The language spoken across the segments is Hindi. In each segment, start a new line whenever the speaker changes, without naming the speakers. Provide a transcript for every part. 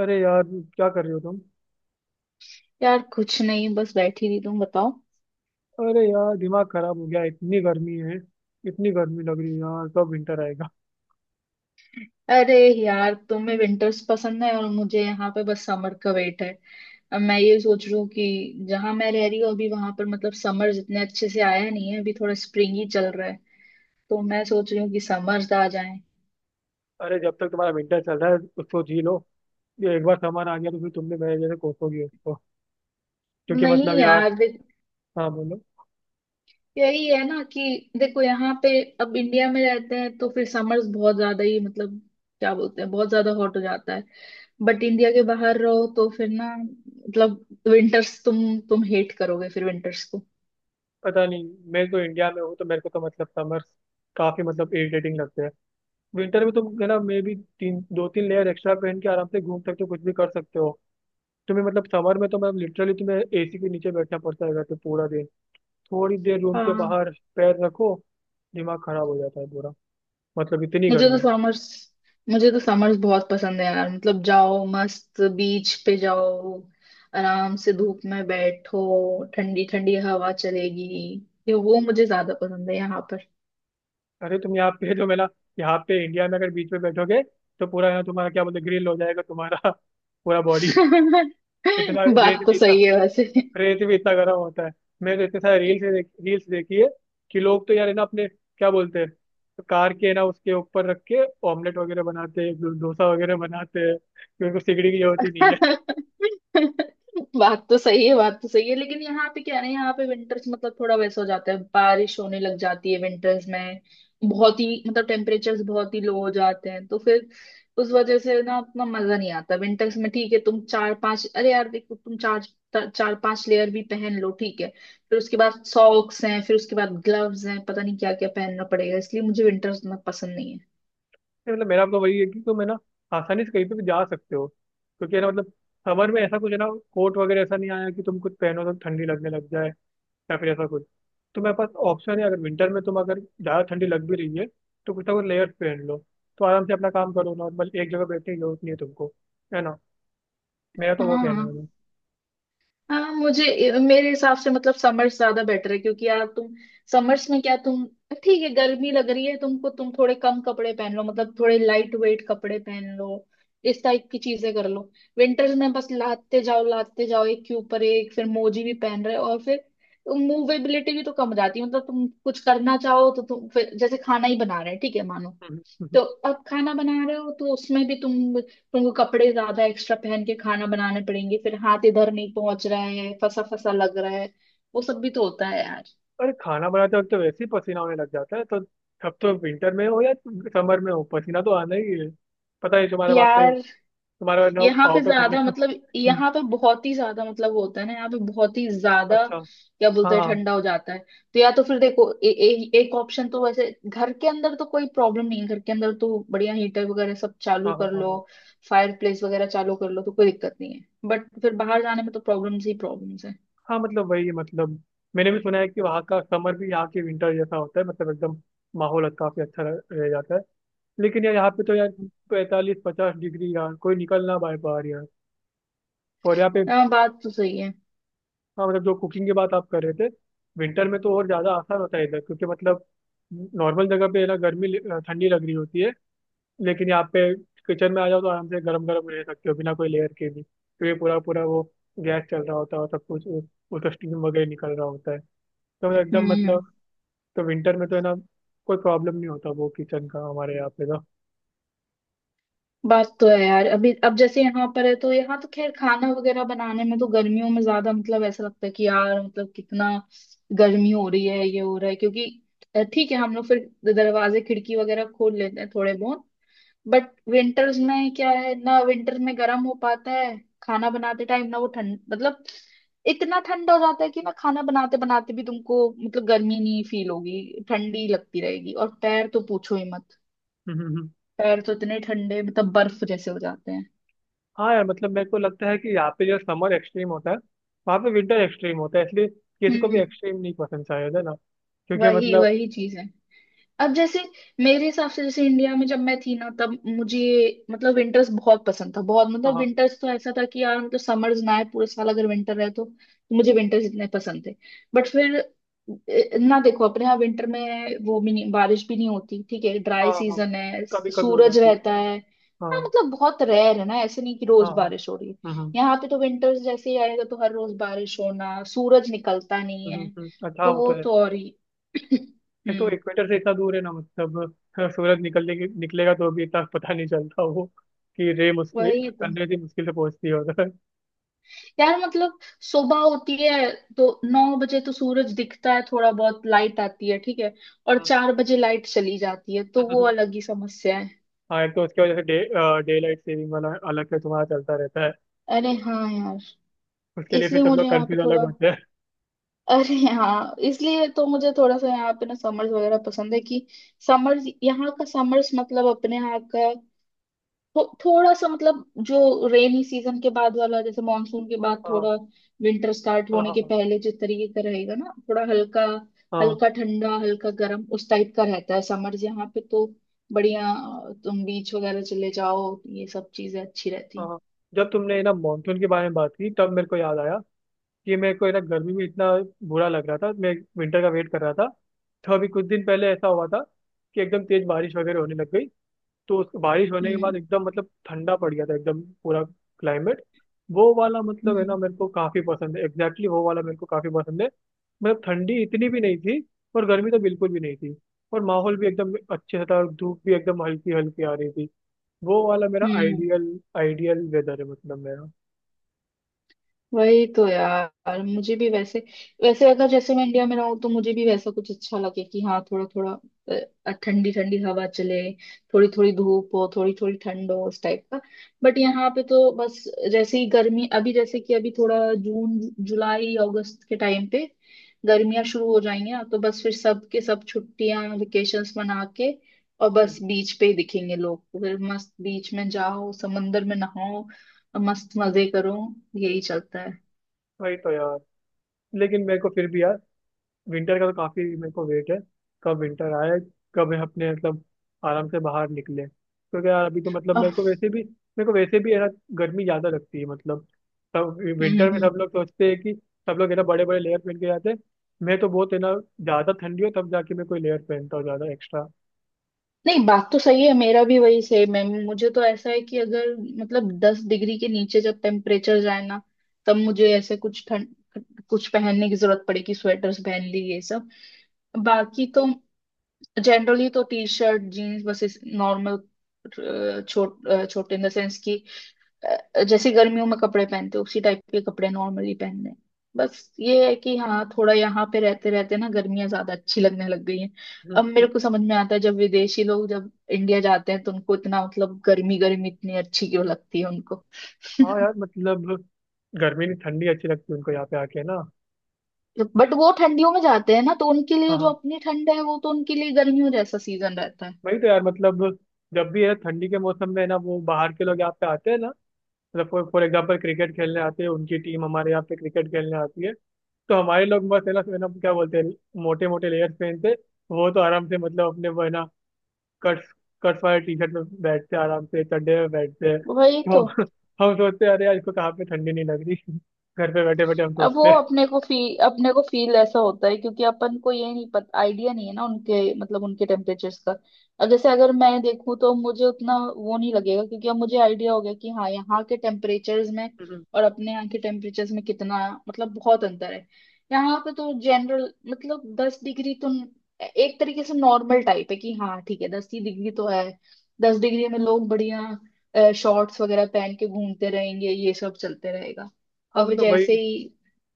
अरे यार, क्या कर रहे हो तुम?
यार कुछ नहीं, बस बैठी थी। तुम बताओ।
अरे यार, दिमाग खराब हो गया, इतनी गर्मी है। इतनी गर्मी लग रही है यार, कब विंटर आएगा?
अरे यार, तुम्हें विंटर्स पसंद है और मुझे यहाँ पे बस समर का वेट है। अब मैं ये सोच रही हूँ कि जहाँ मैं रह रही हूँ अभी, वहां पर मतलब समर जितने अच्छे से आया नहीं है, अभी थोड़ा स्प्रिंग ही चल रहा है। तो मैं सोच रही हूँ कि समर्स आ जाए।
अरे जब तक तुम्हारा विंटर चल रहा है उसको जी लो। ये एक बार सामान आ गया तो फिर तुमने मेरे जैसे कोसोगी उसको, क्योंकि
नहीं
यार।
यार देख,
हाँ बोलो।
यही है ना कि देखो यहाँ पे अब इंडिया में रहते हैं तो फिर समर्स बहुत ज्यादा ही मतलब क्या बोलते हैं बहुत ज्यादा हॉट हो जाता है। बट इंडिया के बाहर रहो तो फिर ना मतलब विंटर्स तुम हेट करोगे फिर विंटर्स को।
पता नहीं, मैं तो इंडिया में हूँ तो मेरे को तो समर काफी इरिटेटिंग लगते हैं। विंटर में तुम है ना, मे भी तीन लेयर एक्स्ट्रा पहन के आराम से घूम सकते हो, कुछ भी कर सकते हो। तुम्हें समर में तो मैं लिटरली तुम्हें एसी के नीचे बैठना पड़ता है तो पूरा दिन। थोड़ी देर रूम के
हाँ,
बाहर पैर रखो, दिमाग खराब हो जाता है पूरा। मतलब इतनी
मुझे तो
गर्मी।
समर्स मुझे तो समर्स बहुत पसंद है यार। मतलब जाओ मस्त बीच पे जाओ, आराम से धूप में बैठो, ठंडी ठंडी हवा चलेगी। ये वो मुझे ज्यादा पसंद है यहाँ पर।
अरे तुम यहाँ पे तो मेरा, यहाँ पे इंडिया में अगर बीच में बैठोगे तो पूरा यहाँ तुम्हारा क्या बोलते, ग्रिल हो जाएगा तुम्हारा पूरा बॉडी। इतना रेत
बात तो
भी इतना,
सही है वैसे।
रेत भी इतना गर्म होता है। मैंने तो इतने सारे रील्स देखी है कि लोग तो यार है ना, अपने क्या बोलते हैं, कार के ना उसके ऊपर रख के ऑमलेट वगैरह बनाते हैं, डोसा वगैरह बनाते हैं, क्योंकि उनको सिगड़ी की जरूरत ही नहीं है।
बात तो सही है, बात तो सही है, लेकिन यहाँ पे क्या है ना, यहाँ पे विंटर्स मतलब थोड़ा वैसा हो जाता है, बारिश होने लग जाती है विंटर्स में। बहुत ही मतलब टेम्परेचर्स बहुत ही लो हो जाते हैं, तो फिर उस वजह से ना उतना मजा नहीं आता विंटर्स में। ठीक है, तुम चार पांच अरे यार देखो, तुम चार चार पांच लेयर भी पहन लो ठीक है, फिर उसके बाद सॉक्स हैं, फिर उसके बाद ग्लव्स हैं, पता नहीं क्या क्या पहनना पड़ेगा, इसलिए मुझे विंटर्स उतना पसंद नहीं है।
नहीं, मतलब मेरा आपका वही है कि तुम है ना, आसानी से कहीं पे भी जा सकते हो क्योंकि है ना, मतलब समर में ऐसा कुछ है ना, कोट वगैरह ऐसा नहीं आया कि तुम कुछ पहनो तो ठंडी लगने लग जाए या फिर ऐसा कुछ। तो मेरे पास ऑप्शन है, अगर विंटर में तुम अगर ज़्यादा ठंडी लग भी रही है तो कुछ ना कुछ लेयर्स पहन लो, तो आराम से अपना काम करो नॉर्मल, एक जगह बैठने की जरूरत नहीं है तुमको, है ना। मेरा तो वो कहना
हाँ,
है भाई।
हाँ। मुझे मेरे हिसाब से मतलब समर्स ज्यादा बेटर है, क्योंकि यार तुम समर्स में क्या, तुम ठीक है गर्मी लग रही है तुमको, तुम थोड़े कम कपड़े पहन लो, मतलब थोड़े लाइट वेट कपड़े पहन लो, इस टाइप की चीजें कर लो। विंटर्स में बस लादते जाओ लादते जाओ, एक के ऊपर एक, फिर मोजी भी पहन रहे हो, और फिर मूवेबिलिटी भी तो कम हो जाती है। मतलब तुम कुछ करना चाहो तो तुम फिर जैसे खाना ही बना रहे हैं ठीक है मानो,
हम्म। हम्म।
तो अब खाना बना रहे हो तो उसमें भी तुमको कपड़े ज्यादा एक्स्ट्रा पहन के खाना बनाने पड़ेंगे, फिर हाथ इधर नहीं पहुंच रहा है, फंसा फंसा लग रहा है। वो सब भी तो होता है यार।
अरे खाना बनाते वक्त तो वैसे ही पसीना होने लग जाता है, तो अब तो विंटर में हो या समर में हो पसीना तो आना ही है। पता है तुम्हारे बाप का,
यार
तुम्हारा
यहाँ पे
आउट ऑफ
ज्यादा
इंडिया।
मतलब, यहाँ पे बहुत ही ज्यादा मतलब वो होता है ना, यहाँ पे बहुत ही ज्यादा
अच्छा।
क्या
हाँ
बोलते हैं
हाँ
ठंडा हो जाता है। तो या तो फिर देखो ए, ए, एक ऑप्शन तो वैसे घर के अंदर तो कोई प्रॉब्लम नहीं है, घर के अंदर तो बढ़िया हीटर वगैरह सब चालू
हाँ हाँ।
कर
हाँ
लो,
हाँ।
फायर प्लेस वगैरह चालू कर लो तो कोई दिक्कत नहीं है। बट फिर बाहर जाने में तो प्रॉब्लम्स ही प्रॉब्लम्स है।
हाँ, मतलब वही है, मतलब मैंने भी सुना है कि वहाँ का समर भी यहाँ के विंटर जैसा होता है, मतलब एकदम माहौल अच्छा, काफी अच्छा रह जाता है। लेकिन यार, यहाँ पे तो यार 45-50 डिग्री, यार कोई निकल ना पाए बाहर यार। और यहाँ पे
हाँ, बात तो सही है।
हाँ, मतलब जो कुकिंग की बात आप कर रहे थे, विंटर में तो और ज्यादा आसान होता है इधर, क्योंकि मतलब नॉर्मल जगह पे है ना, गर्मी, ठंडी लग रही होती है। लेकिन यहाँ पे किचन में आ जाओ तो आराम से गरम गरम रह सकते हो बिना कोई लेयर के भी, क्योंकि पूरा पूरा वो गैस चल रहा होता है और सब कुछ उसका स्टीम वगैरह निकल रहा होता है। तो एकदम मतलब,
हम्म।
तो विंटर में तो है ना, कोई प्रॉब्लम नहीं होता वो किचन का हमारे यहाँ पे तो।
बात तो है यार, अभी अब जैसे यहाँ पर है तो यहाँ तो खैर खाना वगैरह बनाने में तो गर्मियों में ज्यादा मतलब ऐसा लगता है कि यार मतलब कितना गर्मी हो रही है, ये हो रहा है क्योंकि ठीक है हम लोग फिर दरवाजे खिड़की वगैरह खोल लेते हैं थोड़े बहुत। बट विंटर्स में क्या है ना, विंटर में गर्म हो पाता है खाना बनाते टाइम ना, वो ठंड मतलब इतना ठंडा हो जाता है कि ना खाना बनाते बनाते भी तुमको मतलब गर्मी नहीं फील होगी, ठंडी लगती रहेगी, और पैर तो पूछो ही मत।
हम्म। हम्म। हम्म।
पैर तो इतने ठंडे मतलब बर्फ जैसे हो जाते हैं।
हाँ यार, मतलब मेरे को लगता है कि यहाँ पे जो समर एक्सट्रीम होता है वहाँ पे विंटर एक्सट्रीम होता है, इसलिए किसी को भी
हम्म।
एक्सट्रीम नहीं पसंद शायद, है ना। क्योंकि
वही
मतलब
वही चीज है। अब जैसे मेरे हिसाब से, जैसे इंडिया में जब मैं थी ना, तब मुझे मतलब विंटर्स बहुत पसंद था, बहुत मतलब
हाँ
विंटर्स तो ऐसा था कि यार मतलब समर्स ना आए, पूरे साल अगर विंटर रहे तो मुझे विंटर्स इतने पसंद थे। बट फिर ना देखो अपने यहाँ विंटर में वो भी नहीं, बारिश भी नहीं होती, ठीक है ड्राई
हाँ। हाँ,
सीजन है
कभी कभी हो
सूरज
जाती है।
रहता है। हाँ
हाँ।
मतलब बहुत रेयर है ना, ऐसे नहीं कि
हाँ।
रोज
हाँ
बारिश हो रही है।
हम्म हम्म
यहाँ पे तो विंटर्स जैसे ही आएगा तो हर रोज बारिश होना, सूरज निकलता नहीं
हम्म। हम्म।
है,
हम्म। अच्छा हाँ,
तो
वो
वो
तो है।
तो और ही।
एक तो
हम्म।
इक्वेटर से इतना दूर है ना, मतलब सूरज निकलने की निकलेगा तो भी इतना पता नहीं चलता वो, कि रे मुस
वही तो
सन रे भी मुश्किल से पहुंचती है उधर।
यार मतलब, सुबह होती है तो 9 बजे तो सूरज दिखता है, थोड़ा बहुत लाइट आती है ठीक है, और
हम्म।
4 बजे लाइट चली जाती है, तो वो अलग ही समस्या है।
हाँ, एक तो उसके वजह से डे डे लाइट सेविंग वाला अलग से तुम्हारा चलता रहता है,
अरे हाँ यार,
उसके लिए फिर
इसलिए
सब
मुझे
लोग
यहाँ पे
कंफ्यूज अलग
थोड़ा
होते हैं।
अरे हाँ, इसलिए तो मुझे थोड़ा सा यहाँ पे ना समर्स वगैरह पसंद है, कि समर्स यहाँ का समर्स मतलब अपने यहाँ का थोड़ा सा मतलब, जो रेनी सीजन के बाद वाला, जैसे मानसून के बाद
हाँ
थोड़ा विंटर स्टार्ट
हाँ
होने के
हाँ
पहले जिस तरीके का रहेगा ना, थोड़ा हल्का
हाँ।
हल्का ठंडा हल्का गर्म उस टाइप का रहता है समर्स यहाँ पे, तो बढ़िया तुम बीच वगैरह चले जाओ, ये सब चीजें अच्छी रहती
हाँ
हैं।
हाँ। जब तुमने ना मानसून के बारे में बात की तब मेरे को याद आया, कि मेरे को ना गर्मी में इतना बुरा लग रहा था, मैं विंटर का वेट कर रहा था। तो अभी कुछ दिन पहले ऐसा हुआ था कि एकदम तेज बारिश वगैरह होने लग गई, तो उस बारिश होने के बाद
हम्म,
एकदम मतलब ठंडा पड़ गया था एकदम पूरा क्लाइमेट। वो वाला मतलब है ना,
हम्म,
मेरे को काफी पसंद है, एग्जैक्टली वो वाला मेरे को काफी पसंद है। मतलब ठंडी इतनी भी नहीं थी, और गर्मी तो बिल्कुल भी नहीं थी, और माहौल भी एकदम अच्छे से था और धूप भी एकदम हल्की हल्की आ रही थी। वो वाला मेरा
हम्म।
आइडियल आइडियल वेदर है मतलब मेरा।
वही तो यार, मुझे भी वैसे वैसे अगर जैसे मैं इंडिया में रहूँ तो मुझे भी वैसा कुछ अच्छा लगे, कि हाँ थोड़ा थोड़ा ठंडी ठंडी हवा चले, थोड़ी थोड़ी धूप हो, थोड़ी थोड़ी ठंड हो, उस टाइप का। बट यहाँ पे तो बस, जैसे ही गर्मी, अभी जैसे कि अभी थोड़ा जून जुलाई अगस्त के टाइम पे गर्मियाँ शुरू हो जाएंगी ना, तो बस फिर सब के सब छुट्टियां वेकेशंस मना के और बस
हम्म।
बीच पे ही दिखेंगे लोग, तो फिर मस्त बीच में जाओ, समंदर में नहाओ और मस्त मजे करो। यही चलता है।
वही तो यार। लेकिन मेरे को फिर भी यार, विंटर का तो काफी मेरे को वेट है। कब विंटर आए, कब मैं अपने मतलब आराम से बाहर निकले, क्योंकि यार अभी तो मतलब
अह,
मेरे को वैसे भी है ना गर्मी ज्यादा लगती है। मतलब सब
हम्म,
विंटर में
हम्म।
सब लोग सोचते हैं कि, सब लोग है ना बड़े बड़े लेयर पहन के जाते हैं, मैं तो बहुत है ना, ज्यादा ठंडी हो तब जाके मैं कोई लेयर पहनता हूँ ज्यादा एक्स्ट्रा।
नहीं बात तो सही है, मेरा भी वही सेम है। मुझे तो ऐसा है कि अगर मतलब 10 डिग्री के नीचे जब टेम्परेचर जाए ना, तब मुझे ऐसे कुछ ठंड कुछ पहनने की जरूरत पड़ेगी, स्वेटर्स पहन ली, ये सब। बाकी तो जनरली तो टी शर्ट जीन्स बस नॉर्मल, छोटे इन द सेंस की जैसे गर्मियों में कपड़े पहनते हैं, उसी टाइप के कपड़े नॉर्मली पहनने हैं। बस ये है कि हाँ थोड़ा यहाँ पे रहते रहते ना गर्मियाँ ज्यादा अच्छी लगने लग गई हैं। अब
हम्म।
मेरे को समझ में आता है जब विदेशी लोग जब इंडिया जाते हैं तो उनको इतना मतलब गर्मी, गर्मी इतनी अच्छी क्यों लगती है उनको।
हाँ यार, मतलब गर्मी नहीं ठंडी अच्छी लगती है उनको यहाँ पे आके ना।
बट वो ठंडियों में जाते हैं ना, तो उनके
हाँ
लिए जो
हाँ।
अपनी ठंड है वो तो उनके लिए गर्मियों जैसा सीजन रहता है।
वही तो यार, मतलब जब भी है ठंडी के मौसम में है ना, वो बाहर के लोग यहाँ पे आते हैं ना, मतलब फॉर फॉर एग्जाम्पल क्रिकेट खेलने आते हैं, उनकी टीम हमारे यहाँ पे क्रिकेट खेलने आती है, तो हमारे लोग बस है ना, है ना, क्या बोलते हैं, मोटे मोटे लेयर्स पहनते। वो तो आराम से मतलब अपने वो है ना, कट्स कट्स वाले टी शर्ट में बैठते, आराम से चड्डे में बैठते हैं।
वही
तो
तो।
हम सोचते हैं अरे यार इसको कहाँ पे ठंडी नहीं लग रही, घर पे बैठे बैठे हम
अब वो
सोचते हैं।
अपने को फील ऐसा होता है क्योंकि अपन को ये नहीं पता, आइडिया नहीं है ना उनके मतलब उनके टेम्परेचर्स का। अब जैसे अगर मैं देखूं तो मुझे उतना वो नहीं लगेगा, क्योंकि अब मुझे आइडिया हो गया कि हाँ यहाँ के टेम्परेचर्स में
हम्म।
और अपने यहाँ के टेम्परेचर्स में कितना मतलब बहुत अंतर है। यहाँ पे तो जनरल मतलब 10 डिग्री तो एक तरीके से नॉर्मल टाइप है, कि हाँ ठीक है 10 ही डिग्री तो है। 10 डिग्री में लोग बढ़िया शॉर्ट्स वगैरह पहन के घूमते रहेंगे, ये सब चलते रहेगा।
हाँ
और फिर
मतलब वही।
जैसे ही,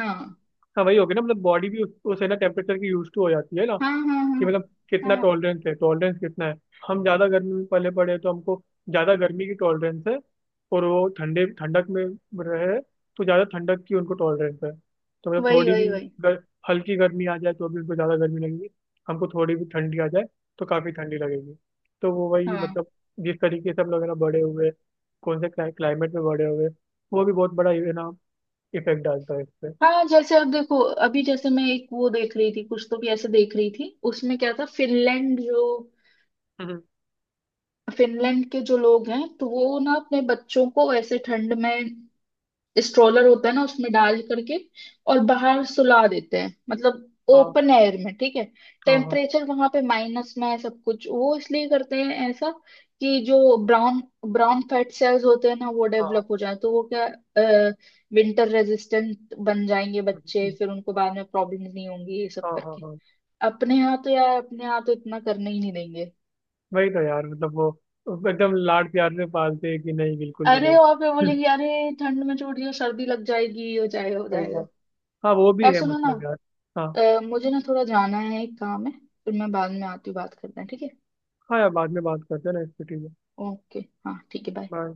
हाँ।
हाँ वही हो गया ना, मतलब बॉडी भी उस है ना टेम्परेचर की यूज टू हो जाती है ना,
हाँ
कि
हाँ
मतलब
हाँ
कितना
हाँ।
टॉलरेंस है, टॉलरेंस कितना है। हम ज़्यादा गर्मी में पले पड़े हैं, तो हमको ज़्यादा गर्मी की टॉलरेंस है। और वो ठंडे ठंडक में रहे, तो ज़्यादा ठंडक की उनको टॉलरेंस है। तो मतलब
वही
थोड़ी भी
वही वही।
गर, हल्की गर्मी आ जाए तो भी उनको ज़्यादा गर्मी लगेगी, हमको थोड़ी भी ठंडी आ जाए तो काफ़ी ठंडी लगेगी। तो वो वही
हाँ
मतलब जिस तरीके से हम लोग है ना बड़े हुए, कौन से क्लाइमेट में बड़े हुए, वो भी बहुत बड़ा ये ना इफेक्ट डालता है इस पे।
हाँ। जैसे अब देखो, अभी जैसे मैं एक वो देख रही थी, कुछ तो भी ऐसे देख रही थी, उसमें क्या था,
हम्म।
फिनलैंड के जो लोग हैं तो वो ना अपने बच्चों को ऐसे ठंड में, स्ट्रोलर होता है ना उसमें डाल करके और बाहर सुला देते हैं, मतलब
हाँ
ओपन एयर में, ठीक है
हाँ हाँ
टेम्परेचर वहां पे माइनस में है सब कुछ। वो इसलिए करते हैं ऐसा, कि जो ब्राउन ब्राउन फैट सेल्स होते हैं ना, वो
हाँ। हाँ
डेवलप हो जाए तो वो क्या विंटर रेजिस्टेंट बन जाएंगे बच्चे, फिर उनको बाद में प्रॉब्लम नहीं होंगी ये
हाँ
सब
हाँ हाँ।
करके।
हाँ,
अपने यहाँ तो यार, अपने यहाँ तो इतना करने ही नहीं देंगे।
वही तो यार, मतलब वो एकदम लाड प्यार से पालते हैं, कि नहीं बिल्कुल भी
अरे और फिर
नहीं।
बोलेंगे अरे ठंड में छोड़िए सर्दी लग जाएगी, हो जाएगा हो
वही
जाएगा।
तो। हाँ वो भी
यार
है
सुनो ना,
मतलब यार। हाँ,
मुझे ना थोड़ा जाना है, एक काम है, फिर मैं बाद में आती हूँ, बात करते हैं ठीक है।
हाँ यार बाद में बात करते हैं ना इस पे, ठीक है।
ओके। हाँ ठीक है, बाय।
बाय।